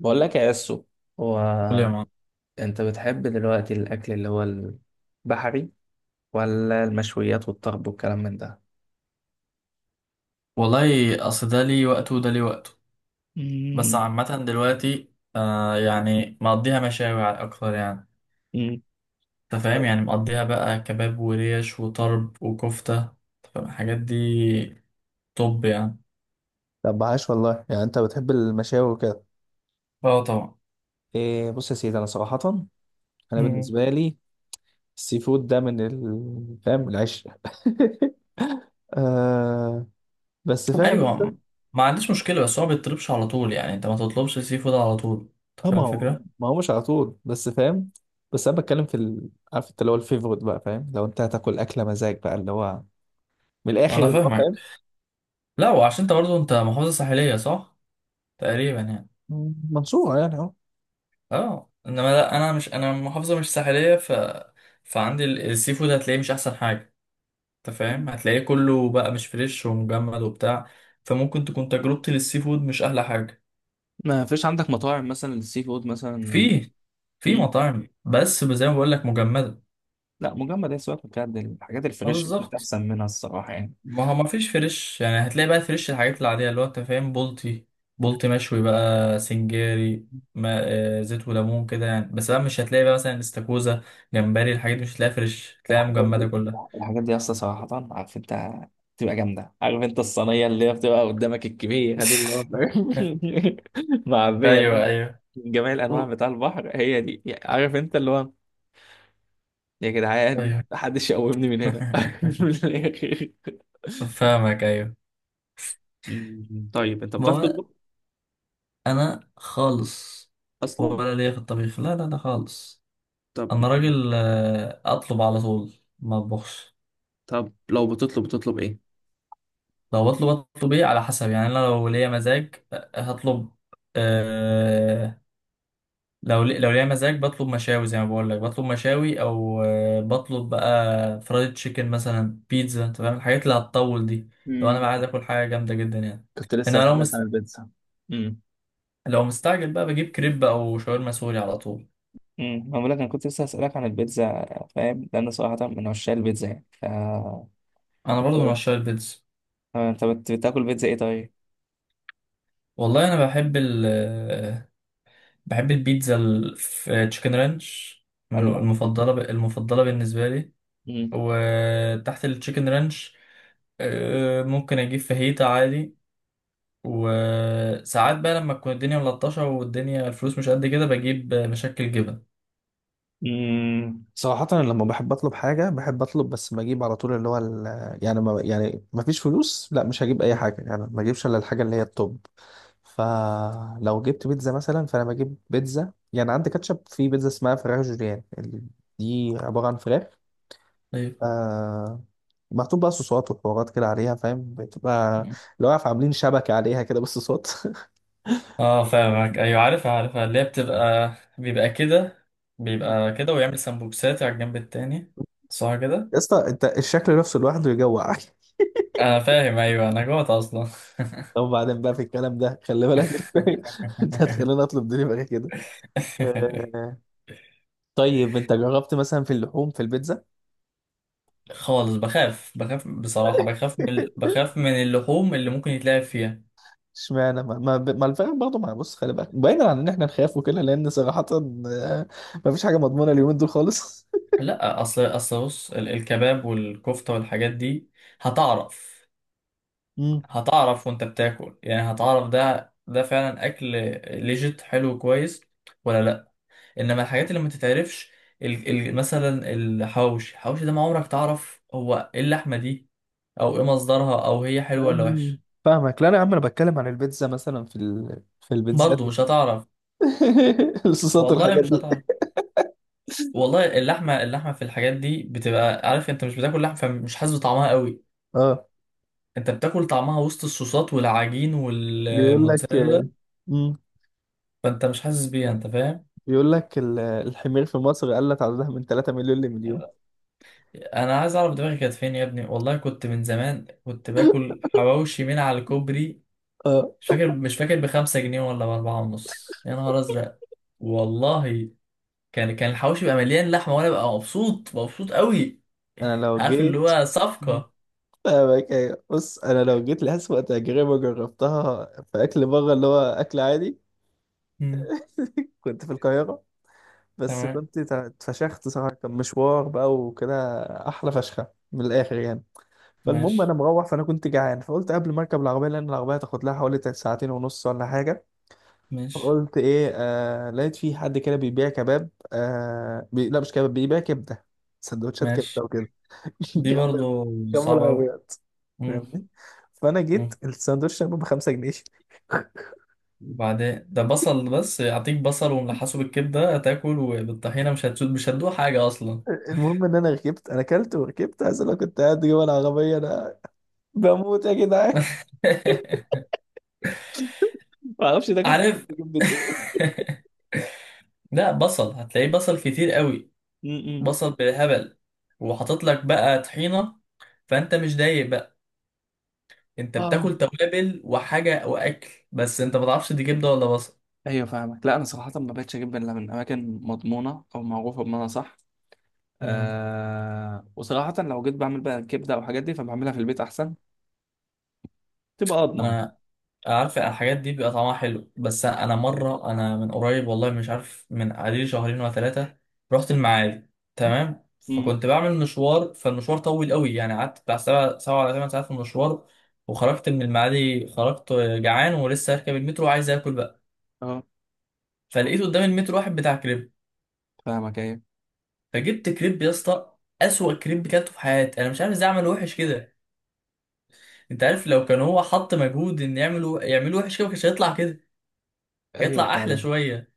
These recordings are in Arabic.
بقول لك يا اسو. هو، قول يا معلم. انت بتحب دلوقتي الاكل اللي هو البحري ولا المشويات والطرب والكلام من ده؟ والله اصل ده ليه وقته وده ليه وقته. بس مم. عامة دلوقتي آه يعني مقضيها مشاوي على اكتر يعني. مم. انت فاهم، يعني مقضيها بقى كباب وريش وطرب وكفتة، أنت فاهم؟ الحاجات دي. طب يعني طب عاش والله، يعني انت بتحب المشاوي وكده. اه طبعا. إيه، بص يا سيدي، انا صراحة انا مم. بالنسبة لي السي فود ده من فاهم العشق. آه، بس فاهم ايوه، انت. ما عنديش مشكلة بس هو ما بيطلبش على طول، يعني انت ما تطلبش سي فود على طول. انت اه، فاهم ما هو الفكرة؟ ما هو مش على طول بس فاهم. بس انا بتكلم في عارف انت اللي هو الفيفورت بقى، فاهم؟ لو انت هتاكل اكله مزاج بقى اللي هو من الاخر انا اللي هو فاهمك. فاهم. لا، وعشان انت برضو انت محافظة ساحلية صح؟ تقريبا يعني. منصوره يعني اهو. اه، انما لا، انا مش انا محافظه مش ساحليه ف فعندي السي فود هتلاقيه مش احسن حاجه. انت فاهم، هتلاقيه كله بقى مش فريش ومجمد وبتاع. فممكن تكون تجربتي للسي فود مش احلى حاجه. ما فيش عندك مطاعم مثلا السي فود مثلا؟ في في مم. مطاعم بس زي ما بقول لك مجمده. لا مجمد، هي سواء بجد الحاجات ما الفريش مفيش بالظبط، احسن منها الصراحه يعني. ما هو ما فيش فريش يعني. هتلاقي بقى فريش الحاجات العاديه، اللي هو انت فاهم، بولتي. بولتي مشوي بقى سنجاري. ما آه، زيت وليمون كده يعني، بس بقى مش هتلاقي بقى مثلا استاكوزا، جمبري. الحاجات دي مش هتلاقيها فريش، هتلاقيها الحاجات مجمده دي كلها. الحاجات دي اصلا صراحه عارف انت بتبقى جامده. عارف انت الصينيه اللي هي بتبقى قدامك الكبيره دي اللي هو معبيه ايوه بقى ايوه. من جميع و- الانواع بتاع البحر. هي دي عارف انت اللي هو. يا جدعان، ايوه. محدش يقومني من هنا. من الآخر. فاهمك ايوه. مم. طيب انت ما بتعرف هو تطبخ انا خالص، اصلا؟ ولا ليا في الطبيخ، لا لا لا خالص. طب انا ما- راجل آه، اطلب على طول، ما اطبخش. طب لو بتطلب ايه؟ لو بطلب، اطلب ايه على حسب يعني. انا لو ليا مزاج آه، هطلب. أه، لو ليا مزاج بطلب مشاوي زي ما بقول لك. بطلب مشاوي او آه، بطلب بقى فرايد تشيكن مثلا، بيتزا، انت فاهم الحاجات اللي هتطول دي. لو انا مم. بقى عايز اكل حاجه جامده جدا يعني. كنت لسه انا لو هسألك عن مستني، البيتزا. امم لو مستعجل بقى بجيب كريب او شاورما سوري على طول. بقول لك انا كنت لسه هسألك عن البيتزا، فاهم؟ لان صراحة من عشان البيتزا يعني ف انا برضو من انت. عشاق البيتزا. أنت بتاكل بيتزا ايه طيب؟ والله انا بحب بحب البيتزا في تشيكن رانش. من ولا المفضله المفضله بالنسبه لي. امم وتحت التشيكن رانش آه، ممكن اجيب فاهيتا عادي. وساعات بقى لما تكون الدنيا ملطشه والدنيا الفلوس مش قد كده بجيب مشكل جبن. صراحة أنا لما بحب أطلب حاجة بحب أطلب، بس بجيب على طول اللي هو يعني، ما يعني ما فيش فلوس، لا مش هجيب أي حاجة، يعني ما أجيبش إلا الحاجة اللي هي التوب. فلو جبت بيتزا مثلا فأنا بجيب بيتزا، يعني عندي كاتشب في بيتزا اسمها فراخ جوليان دي عبارة عن فراخ. طيب. آه محطوط بقى صوصات وحوارات كده عليها فاهم؟ بتبقى لو عارف عاملين شبكة عليها كده بالصوصات. اه فاهمك ايوه، عارفها عارفها. اللي هي بتبقى بيبقى كده، بيبقى كده ويعمل سمبوكسات على الجنب التاني، صح كده. يا اسطى أنت، الشكل نفسه لوحده يجوع! انا فاهم ايوه، انا جوعت اصلا. طب بعدين بقى في الكلام ده خلي بالك انت. انت هتخليني اطلب دليفري كده. آه، طيب انت جربت مثلا في اللحوم في البيتزا؟ خالص. بخاف، بخاف بصراحة بخاف من ال- بخاف من اللحوم اللي ممكن يتلعب فيها. اشمعنى؟ ما الفراخ برضه؟ ما بص، خلي بالك بعيدا عن ان احنا نخاف وكده، لان صراحة آه، ما فيش حاجة مضمونة اليومين دول خالص. لا، اصل بص الكباب والكفتة والحاجات دي هتعرف. مم. هتعرف وانت بتاكل يعني، هتعرف ده فعلا اكل ليجيت حلو كويس ولا لا. انما الحاجات اللي ما تتعرفش، مثلا الحوش. الحوش ده ما عمرك تعرف هو ايه اللحمه دي، او ايه مصدرها، او هي حلوه ولا أمم. وحشه. فاهمك. لا انا يا عم انا بتكلم عن البيتزا مثلا في في البيتزات. برضه مش هتعرف. الصوصات والله والحاجات مش دي. هتعرف. والله اللحمه، اللحمه في الحاجات دي بتبقى عارف انت، مش بتاكل لحمه فمش حاسس بطعمها قوي. اه. انت بتاكل طعمها وسط الصوصات والعجين بيقول لك والموتزاريلا. مم. فانت مش حاسس بيها، انت فاهم. بيقول لك الحمير في مصر قلت عددها من 3 مليون لمليون. انا عايز اعرف دماغي كانت فين يا ابني، والله كنت من زمان كنت باكل حواوشي من على الكوبري. آه. مش فاكر مش فاكر 5 جنيه ولا 4 ونص، يا نهار أزرق. والله كان الحوش يبقى مليان لحمة، وأنا ببقى مبسوط مبسوط قوي. انا لو عارف اللي جيت. هو صفقة. فاهمك أيوة. بص، انا لو جيت لأسوأ تجربة جربتها في اكل بره اللي هو اكل عادي. مم. كنت في القاهرة، بس تمام. كنت اتفشخت صراحة، كان مشوار بقى وكده، احلى فشخة من الاخر يعني. فالمهم انا ماشي مروح، فانا كنت جعان فقلت قبل ما اركب العربية، لان العربية هتاخد لها حوالي ساعتين ونص ولا حاجة. ماشي فقلت ايه، آه لقيت في حد كده بيبيع كباب، آه، لا مش كباب، بيبيع كبدة. سندوتشات ماشي. كبدة وكده. دي برضو جنب، جنب صعبة أوي. العربيات مم. فاهمني. فانا جيت مم. الساندوتش كان ب 5 جنيه. وبعدين ده بصل بس، أعطيك بصل وملحسه بالكبدة هتاكل وبالطحينة، مش هتسود مش هتدوق حاجة أصلا. المهم ان انا ركبت انا اكلت وركبت، عايز اقول لك كنت قاعد جوه العربيه انا، بموت يا جدعان. ما اعرفش ده كان عارف. جبت ايه. لا، بصل هتلاقيه بصل كتير قوي. م-م. بصل بالهبل، وحاطط لك بقى طحينه، فانت مش دايق بقى. انت اه. بتاكل توابل وحاجه واكل بس انت ما تعرفش دي كبده ولا بصل. ايوه فاهمك. لا انا صراحه ما بقتش اجيب الا من اماكن مضمونه او معروفه بمعنى صح. مم. آه وصراحه لو جيت بعمل بقى كبده او حاجات دي، فبعملها في البيت احسن، تبقى اضمن. انا عارف الحاجات دي بيبقى طعمها حلو. بس انا مره، انا من قريب، والله مش عارف من عليه شهرين ولا 3، رحت المعادي. تمام، امم. فكنت بعمل مشوار، فالمشوار طويل قوي يعني. قعدت بتاع سبع، 7 ولا 8 ساعات في المشوار. وخرجت من المعادي، خرجت جعان ولسه هركب المترو وعايز اكل بقى. اه فلقيت قدام المترو واحد بتاع كريب. فاهمك ايوه. فجبت كريب يا اسطى. اسوأ كريب كلته في حياتي. انا مش عارف ازاي عمله وحش كده. انت عارف لو كان هو حط مجهود ان يعمله، يعمله وحش كده ما كانش هيطلع كده. كان ايوه هيطلع احلى فاهمك. شويه.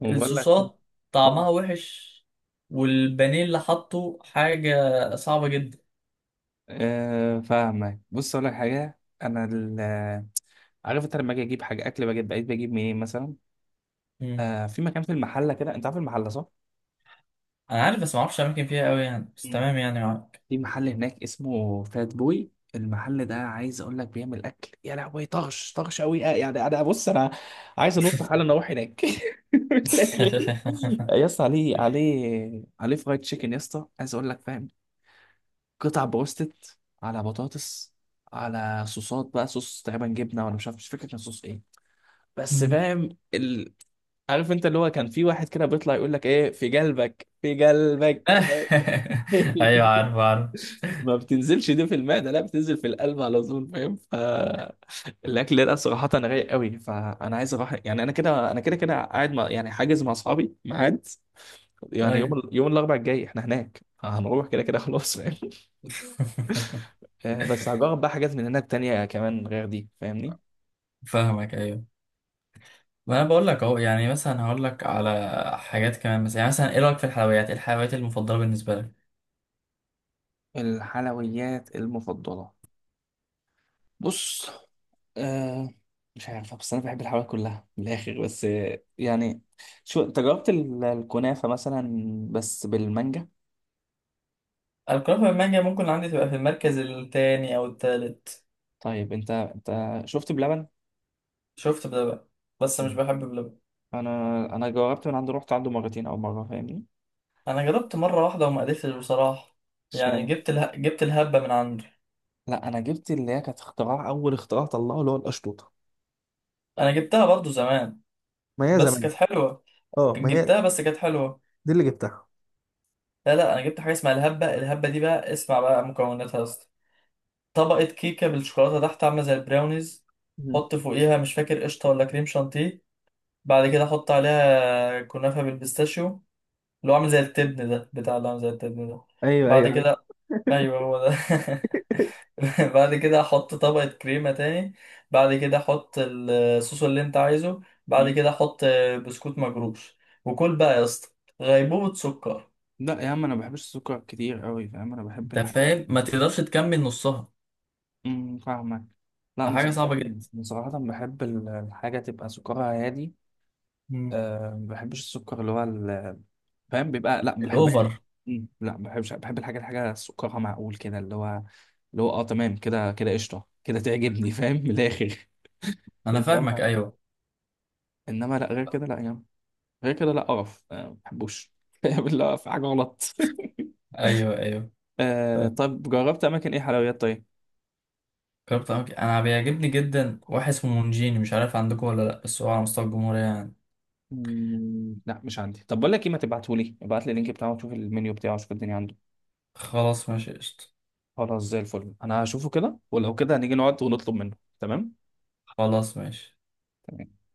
بقول لك إيه، الصوصات اه. طعمها وحش، والبانيه اللي حطه حاجه صعبه جدا. أه فاهمك. بص اقول لك حاجه، انا عارف انت، لما اجي اجيب حاجه اكل بجد بقيت بجيب منين مثلا؟ مم. أه، في مكان في المحله كده، انت عارف المحله صح؟ انا عارف، بس ما اعرفش اماكن فيها قوي يعني، بس مم. تمام يعني معاك. في محل هناك اسمه فات بوي، المحل ده عايز اقول لك بيعمل اكل يا لهوي طغش طغش قوي، يعني انا بص انا عايز انط حالا اروح هناك. من الآخر. يا اسطى، عليه عليه عليه فرايد تشيكن يا اسطى، عايز اقول لك فاهم، قطع بروستد على بطاطس على صوصات بقى، صوص تقريبا جبنه ولا مش عارف، مش فاكر كان صوص ايه. بس مم. فاهم ال... عارف انت اللي هو كان في واحد كده بيطلع يقول لك ايه في قلبك في قلبك. ايوه عارف عارف. ما بتنزلش دي في المعده، لا بتنزل في القلب على طول، فاهم؟ فالاكل ده صراحه انا رايق قوي، فانا عايز اروح. يعني انا كده كده قاعد مع يعني حاجز مع اصحابي ميعاد. يعني يوم ايوه. يوم الاربعاء الجاي احنا هناك هنروح كده كده خلاص فاهم. بس هجرب بقى حاجات من هناك تانية كمان غير دي فاهمني. فاهمك ايوه. ما انا بقول لك اهو يعني. مثلا هقول لك على حاجات كمان مثلا، يعني مثلا ايه رايك في الحلويات؟ ايه الحلويات المفضله بالنسبه لك؟ الحلويات المفضله، بص، آه، مش عارفة، بس أنا بحب الحلويات كلها من الآخر. بس يعني، شو، أنت جربت الكنافة مثلا بس بالمانجا؟ الكنافه بالمانجا ممكن عندي تبقى في المركز التاني او التالت. طيب أنت، أنت شفت بلبن؟ شفت بلبن، بس مش مم. بحب بلبن. أنا، أنا جربت من عنده، رحت عنده مرتين أو مرة فاهمني؟ انا جربت مره واحده وما قدرتش بصراحه. يعني اشمعنى؟ جبت الهبه من عنده. لا أنا جبت اللي هي كانت اختراع، أول اختراع طلعه اللي هو القشطوطة. انا جبتها برضو زمان، ما هي بس زمان. كانت حلوه. اه ما هي جبتها بس كانت حلوه. دي اللي جبتها. لا لا، انا جبت حاجه اسمها الهبه. الهبه دي بقى اسمع بقى مكوناتها يا اسطى. طبقه كيكه بالشوكولاته تحت عامله زي البراونيز. مم. حط فوقيها مش فاكر قشطه ولا كريم شانتيه. بعد كده احط عليها كنافه بالبيستاشيو، اللي هو عامل زي التبن ده، بتاع اللي عامل زي التبن ده. ايوه بعد ايوه كده، ايوه. ايوه هو ده. بعد كده احط طبقه كريمه تاني. بعد كده احط الصوص اللي انت عايزه. بعد مم. كده احط بسكوت مجروش. وكل بقى يا اسطى، غيبوبه سكر. لا يا عم انا ما بحبش السكر كتير قوي فاهم، انا بحب انت الحاجات. فاهم، ما تقدرش تكمل نصها. فاهمك. لا انا حاجه صراحه، صعبه جدا. أنا صراحه بحب الحاجه تبقى سكرها هادي. مم. أه ما بحبش السكر اللي هو فاهم بيبقى، لا ما بحبهاش. الاوفر. أمم، لا ما بحبش، بحب الحاجه، الحاجه سكرها معقول كده اللي هو اللي هو اه تمام كده كده قشطه كده تعجبني فاهم من الاخر. انا فاهمك. انما، ايوه انما لا غير كده لا يعني، غير كده لا قرف أه ما بحبوش. بالله في حاجه غلط. ايوه ايوه. أه، طب جربت اماكن ايه حلويات طيب؟ جربت أماكن، أنا بيعجبني جدا واحد اسمه مونجيني. مش عارف عندكم ولا لأ، بس هو على مستوى الجمهورية يعني. مم، لا مش عندي. طب بقول لك ايه، ما تبعتهولي، ابعت لي اللينك بتاعه وشوف المنيو بتاعه، شوف الدنيا عنده. خلاص ماشي قشطة. خلاص زي الفل، انا هشوفه كده ولو كده هنيجي نقعد ونطلب منه، تمام. خلاص ماشي. تمام.